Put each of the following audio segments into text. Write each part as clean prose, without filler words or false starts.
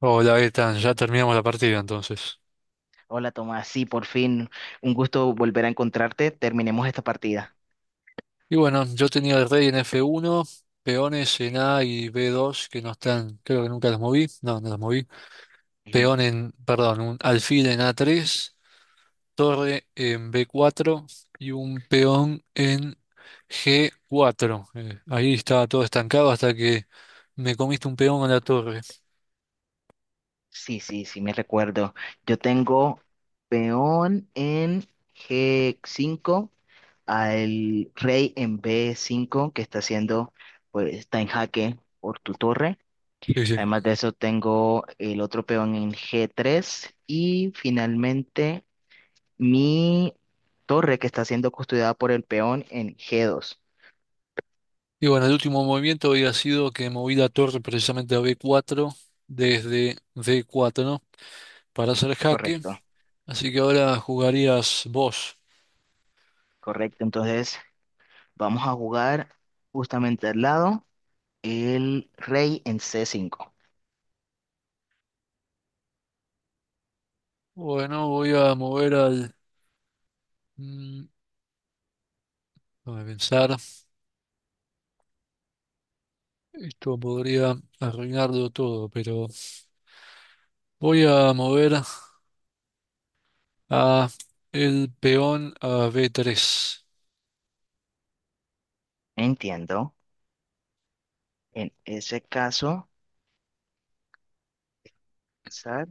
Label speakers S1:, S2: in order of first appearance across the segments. S1: Hola, Gaetan, ya terminamos la partida entonces.
S2: Hola Tomás, sí, por fin, un gusto volver a encontrarte. Terminemos esta partida.
S1: Y bueno, yo tenía el rey en F1, peones en A y B2 que no están, creo que nunca los moví, no los moví.
S2: Ujú.
S1: Peón en, perdón, un alfil en A3, torre en B4 y un peón en G4. Ahí estaba todo estancado hasta que me comiste un peón a la torre.
S2: Sí, sí, sí, me recuerdo. Yo tengo peón en G5, al rey en B5, que está haciendo, pues está en jaque por tu torre.
S1: Sí, sí.
S2: Además de eso, tengo el otro peón en G3 y finalmente mi torre que está siendo custodiada por el peón en G2.
S1: Y bueno, el último movimiento había sido que moví la torre precisamente a B4 desde D4, ¿no? Para hacer jaque.
S2: Correcto.
S1: Así que ahora jugarías vos.
S2: Correcto, entonces vamos a jugar justamente al lado el rey en c cinco.
S1: Bueno, voy a mover al... mm, déjame pensar. Esto podría arruinarlo todo, pero voy a mover a el peón a B3.
S2: Entiendo. En ese caso, zar,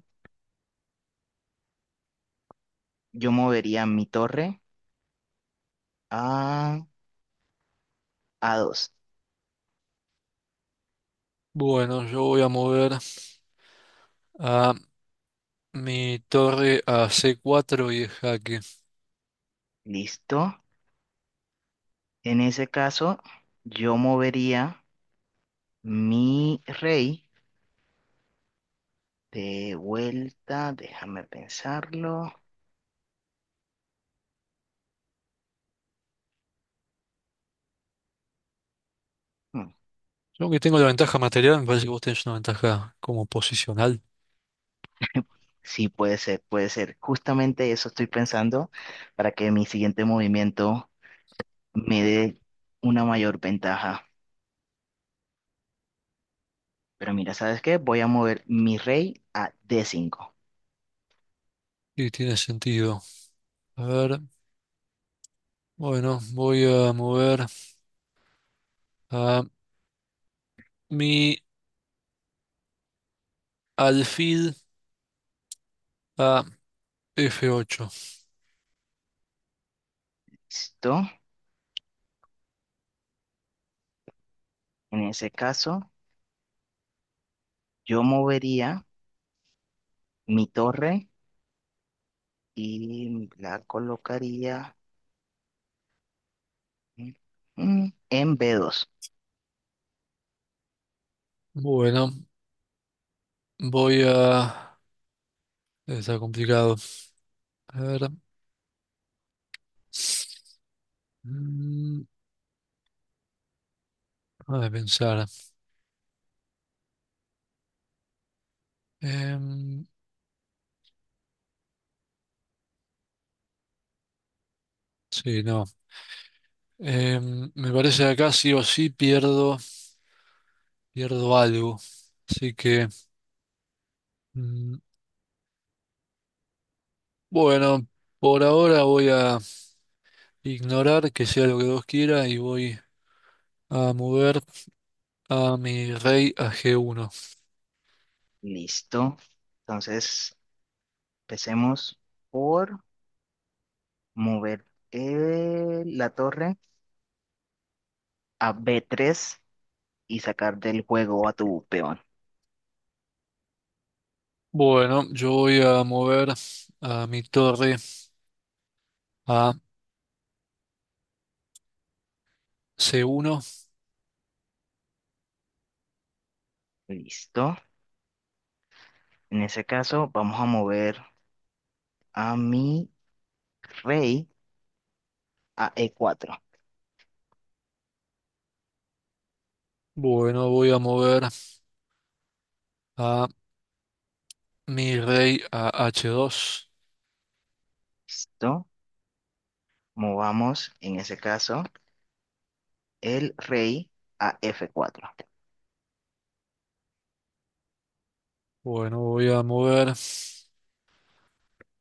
S2: yo movería mi torre a A2.
S1: Bueno, yo voy a mover a mi torre a C4 y jaque.
S2: Listo. En ese caso, yo movería mi rey de vuelta. Déjame pensarlo. Hmm,
S1: Yo que tengo la ventaja material, me parece que vos tenés una ventaja como posicional.
S2: Sí, puede ser, puede ser. Justamente eso estoy pensando para que mi siguiente movimiento me dé una mayor ventaja. Pero mira, ¿sabes qué? Voy a mover mi rey a d cinco.
S1: Y tiene sentido. A ver, bueno, voy a mover a mi alfil. Ah, F8.
S2: ¿Listo? En ese caso, yo movería mi torre y la colocaría, mm, en b dos.
S1: Bueno, voy a... Debe estar complicado. A ver. Mm, a pensar. Em, sí, no. Me parece que acá sí o sí pierdo, pierdo algo. Así que, mm, bueno, por ahora voy a ignorar que sea lo que Dios quiera y voy a mover a mi rey a G1.
S2: Listo. Entonces, empecemos por mover la torre a b tres y sacar del juego a tu peón.
S1: Bueno, yo voy a mover a mi torre a C1.
S2: Listo. En ese caso, vamos a mover a mi rey a e cuatro.
S1: Bueno, voy a mover a mi rey a H2.
S2: ¿Listo? Movamos en ese caso el rey a F4.
S1: Bueno, voy a mover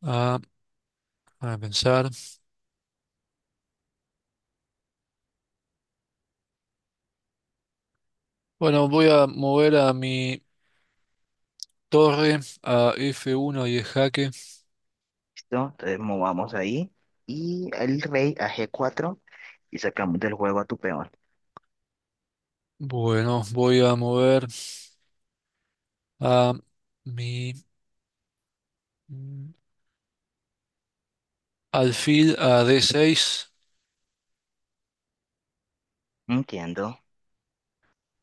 S1: a, a pensar. Bueno, voy a mover a mi torre a F1 y es jaque.
S2: ¿Listo? Entonces movamos ahí y el rey a G4 y sacamos del juego a tu peón.
S1: Bueno, voy a mover a mi mm, alfil a D6.
S2: Entiendo.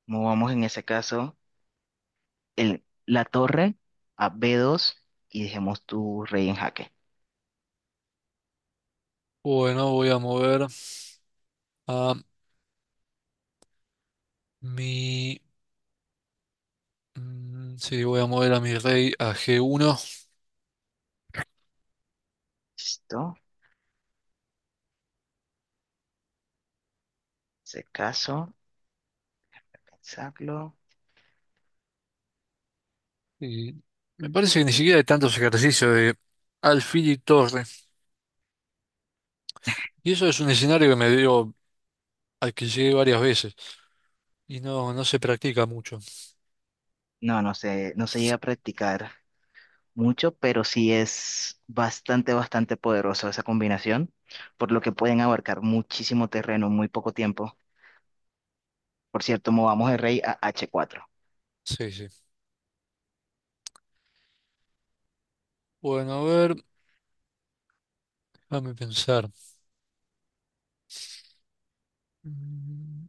S2: Movamos en ese caso la torre a B2 y dejemos tu rey en jaque.
S1: Bueno, voy a mover a mi... sí, voy a mover a mi rey a G1.
S2: ¿Listo? En ese caso, pensarlo.
S1: Y me parece que ni siquiera hay tantos ejercicios de alfil y torre. Y eso es un escenario que me dio, al que llegué varias veces y no se practica mucho.
S2: No se llega a practicar mucho, pero sí es bastante, bastante poderoso esa combinación, por lo que pueden abarcar muchísimo terreno en muy poco tiempo. Por cierto, movamos el rey a H4.
S1: Sí, sí. Bueno, a ver, déjame pensar. Mm,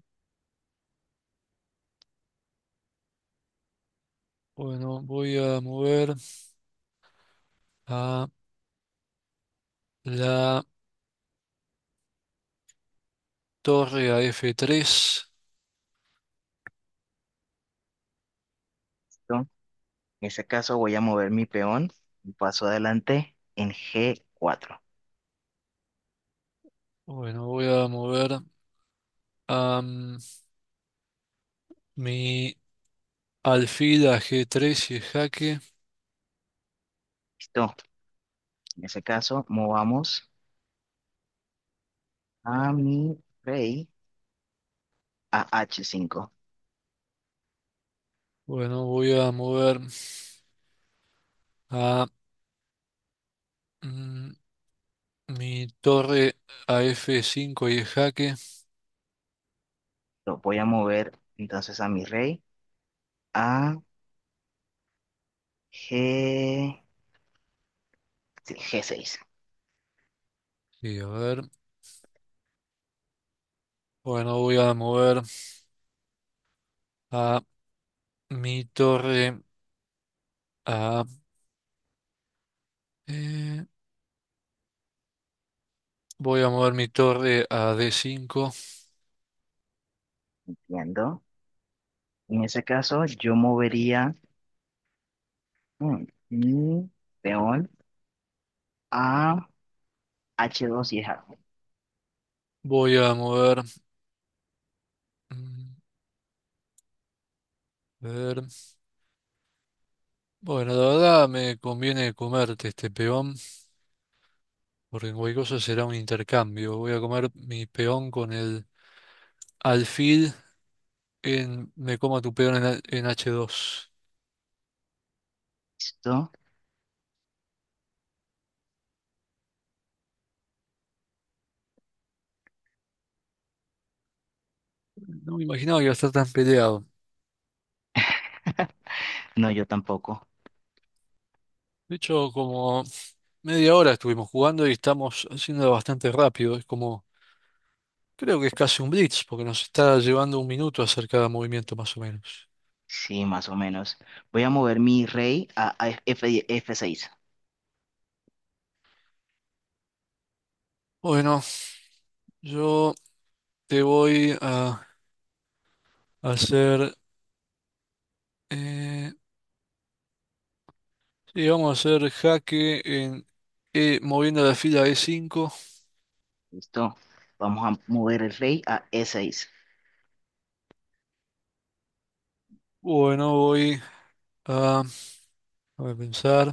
S1: Bueno, voy a mover a la torre a F3.
S2: ¿Listo? En ese caso voy a mover mi peón un paso adelante en G4.
S1: Bueno, voy a mover a mi alfil a G3 y es jaque.
S2: ¿Listo? En ese caso, movamos a mi rey a H5.
S1: Bueno, voy a mover a mm, mi torre a F5 y es jaque.
S2: Lo voy a mover entonces a mi rey a G... sí, G6.
S1: Sí, a ver. Bueno, voy a mover. A Mi torre a... eh, voy a mover mi torre a D5.
S2: Entiendo. En ese caso, yo movería, Mm, mm, León a H2 y es algo.
S1: Voy a mover... mm, a ver. Bueno, la verdad me conviene comerte este peón, porque en cualquier cosa será un intercambio. Voy a comer mi peón con el alfil en... Me coma tu peón en, en H2.
S2: ¿Listo?
S1: No me imaginaba que iba a estar tan peleado.
S2: No, yo tampoco.
S1: De hecho, como media hora estuvimos jugando y estamos haciendo bastante rápido. Es como... Creo que es casi un blitz, porque nos está llevando un minuto a hacer cada movimiento más o menos.
S2: Sí, más o menos. Voy a mover mi rey a F6.
S1: Bueno, yo te voy a hacer... Eh, sí, vamos a hacer jaque en E, moviendo la fila e cinco.
S2: ¿Listo? Vamos a mover el rey a E6.
S1: Bueno, voy a... Déjame pensar.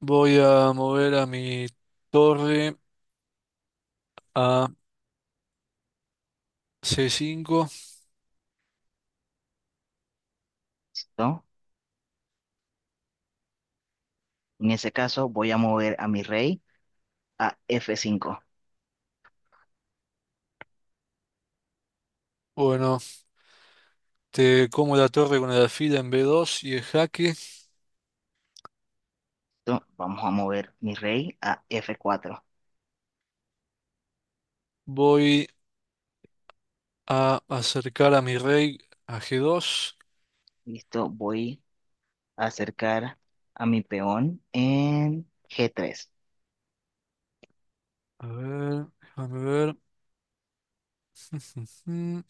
S1: Voy a mover a mi torre a c cinco.
S2: ¿Listo? En ese caso, voy a mover a mi rey a F5.
S1: Bueno, te como la torre con la fila en b dos y el jaque.
S2: ¿Listo? Vamos a mover mi rey a F4.
S1: Voy a acercar a mi rey a g dos.
S2: ¿Listo? Voy a acercar a mi peón en G3.
S1: A ver, déjame ver. Ujú.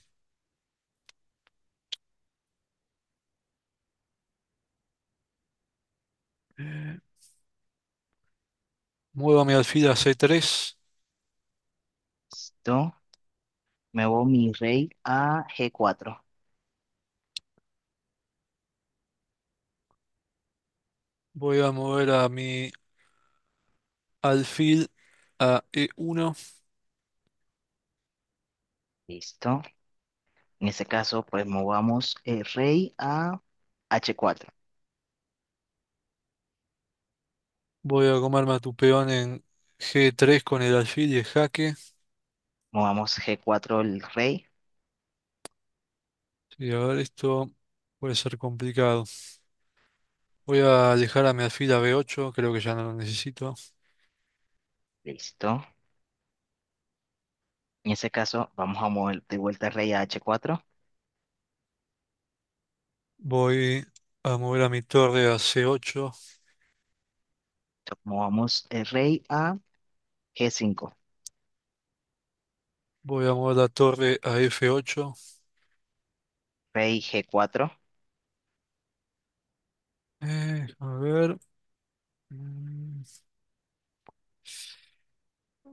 S1: Muevo a mi alfil a C3.
S2: ¿Listo? Muevo mi rey a g cuatro.
S1: Voy a mover a mi alfil a E1.
S2: Listo. En este caso, pues movamos el rey a h cuatro.
S1: Voy a comerme a tu peón en G3 con el alfil y el jaque.
S2: Movamos g cuatro el rey.
S1: Sí, a ver, esto puede ser complicado. Voy a alejar a mi alfil a B8. Creo que ya no lo necesito.
S2: Listo. En este caso, vamos a mover de vuelta el rey a h cuatro.
S1: Voy a mover a mi torre a C8.
S2: Entonces, movamos el rey a g cinco.
S1: Voy a mover la torre a F8.
S2: Rey g cuatro.
S1: A ver. mm,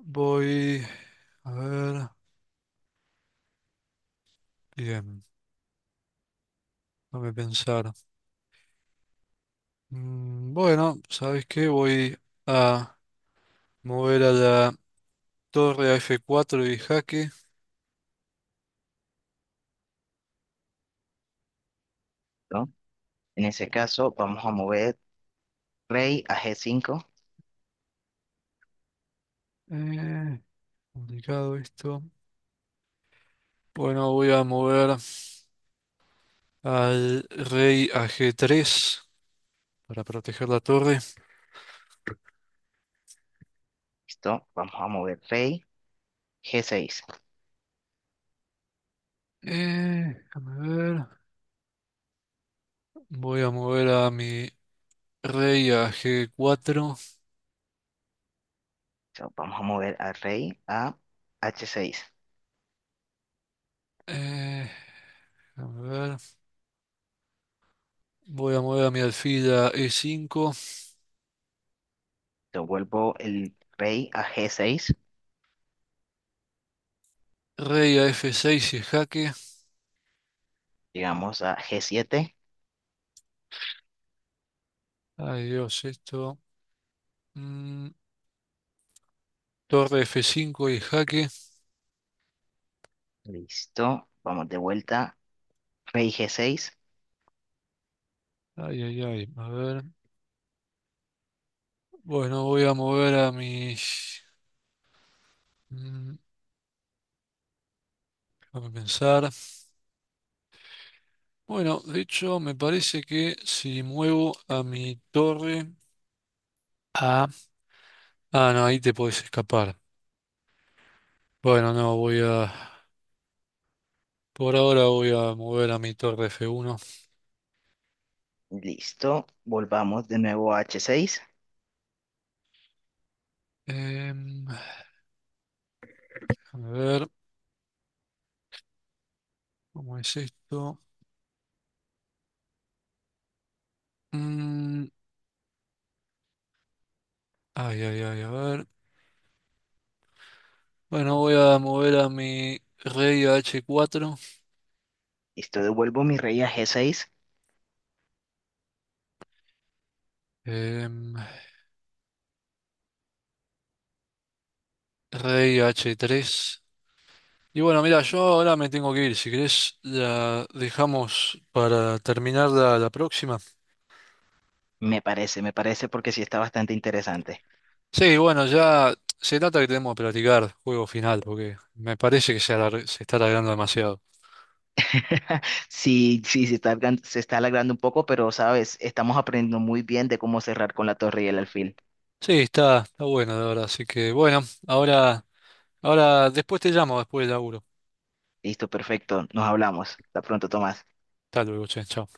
S1: Voy. A ver. Bien, déjame pensar. Bueno, ¿sabes qué? Voy a mover a la torre a F4 y jaque.
S2: ¿No? En ese caso, vamos a mover rey a g cinco.
S1: Eh, complicado esto. Bueno, voy a mover al rey a G3 para proteger la torre.
S2: Listo. Vamos a mover rey g seis.
S1: Déjame ver. Voy a mover a mi rey a G4.
S2: Entonces, vamos a mover al rey a h seis.
S1: Eh, déjame ver. Voy a mover a mi alfil a E5.
S2: Yo vuelvo el rey a g seis.
S1: Rey a F6 y jaque.
S2: Llegamos a G7.
S1: Ay Dios, esto. Mm, torre F5 y jaque.
S2: Listo. Vamos de vuelta. Rey G6.
S1: Ay, ay, ay. A ver. Bueno, voy a mover a mis... Mm, déjame pensar. Bueno, de hecho, me parece que si muevo a mi torre a... Ah, no, ahí te podés escapar. Bueno, no, voy a... Por ahora voy a mover a mi torre F1.
S2: Listo. Volvamos de nuevo a H6.
S1: Em, déjame ver. ¿Cómo es esto? Mm, ay, ay, ay, a ver. Bueno, voy a mover a mi rey a H4.
S2: Listo. Devuelvo mi rey a G6.
S1: Rey h tres. Y bueno, mira, yo ahora me tengo que ir. Si querés, la dejamos para terminar la próxima.
S2: Me parece porque sí está bastante interesante.
S1: Sí, bueno, ya se trata que tenemos que platicar juego final, porque me parece que se, se está alargando demasiado.
S2: Sí, sí, se está, se está alargando un poco, pero sabes, estamos aprendiendo muy bien de cómo cerrar con la torre y el alfil.
S1: Sí, está, está bueno, la verdad. Así que bueno, ahora, ahora después te llamo, después del laburo.
S2: Listo, perfecto. Nos hablamos. Hasta pronto, Tomás.
S1: Hasta luego, che, chao.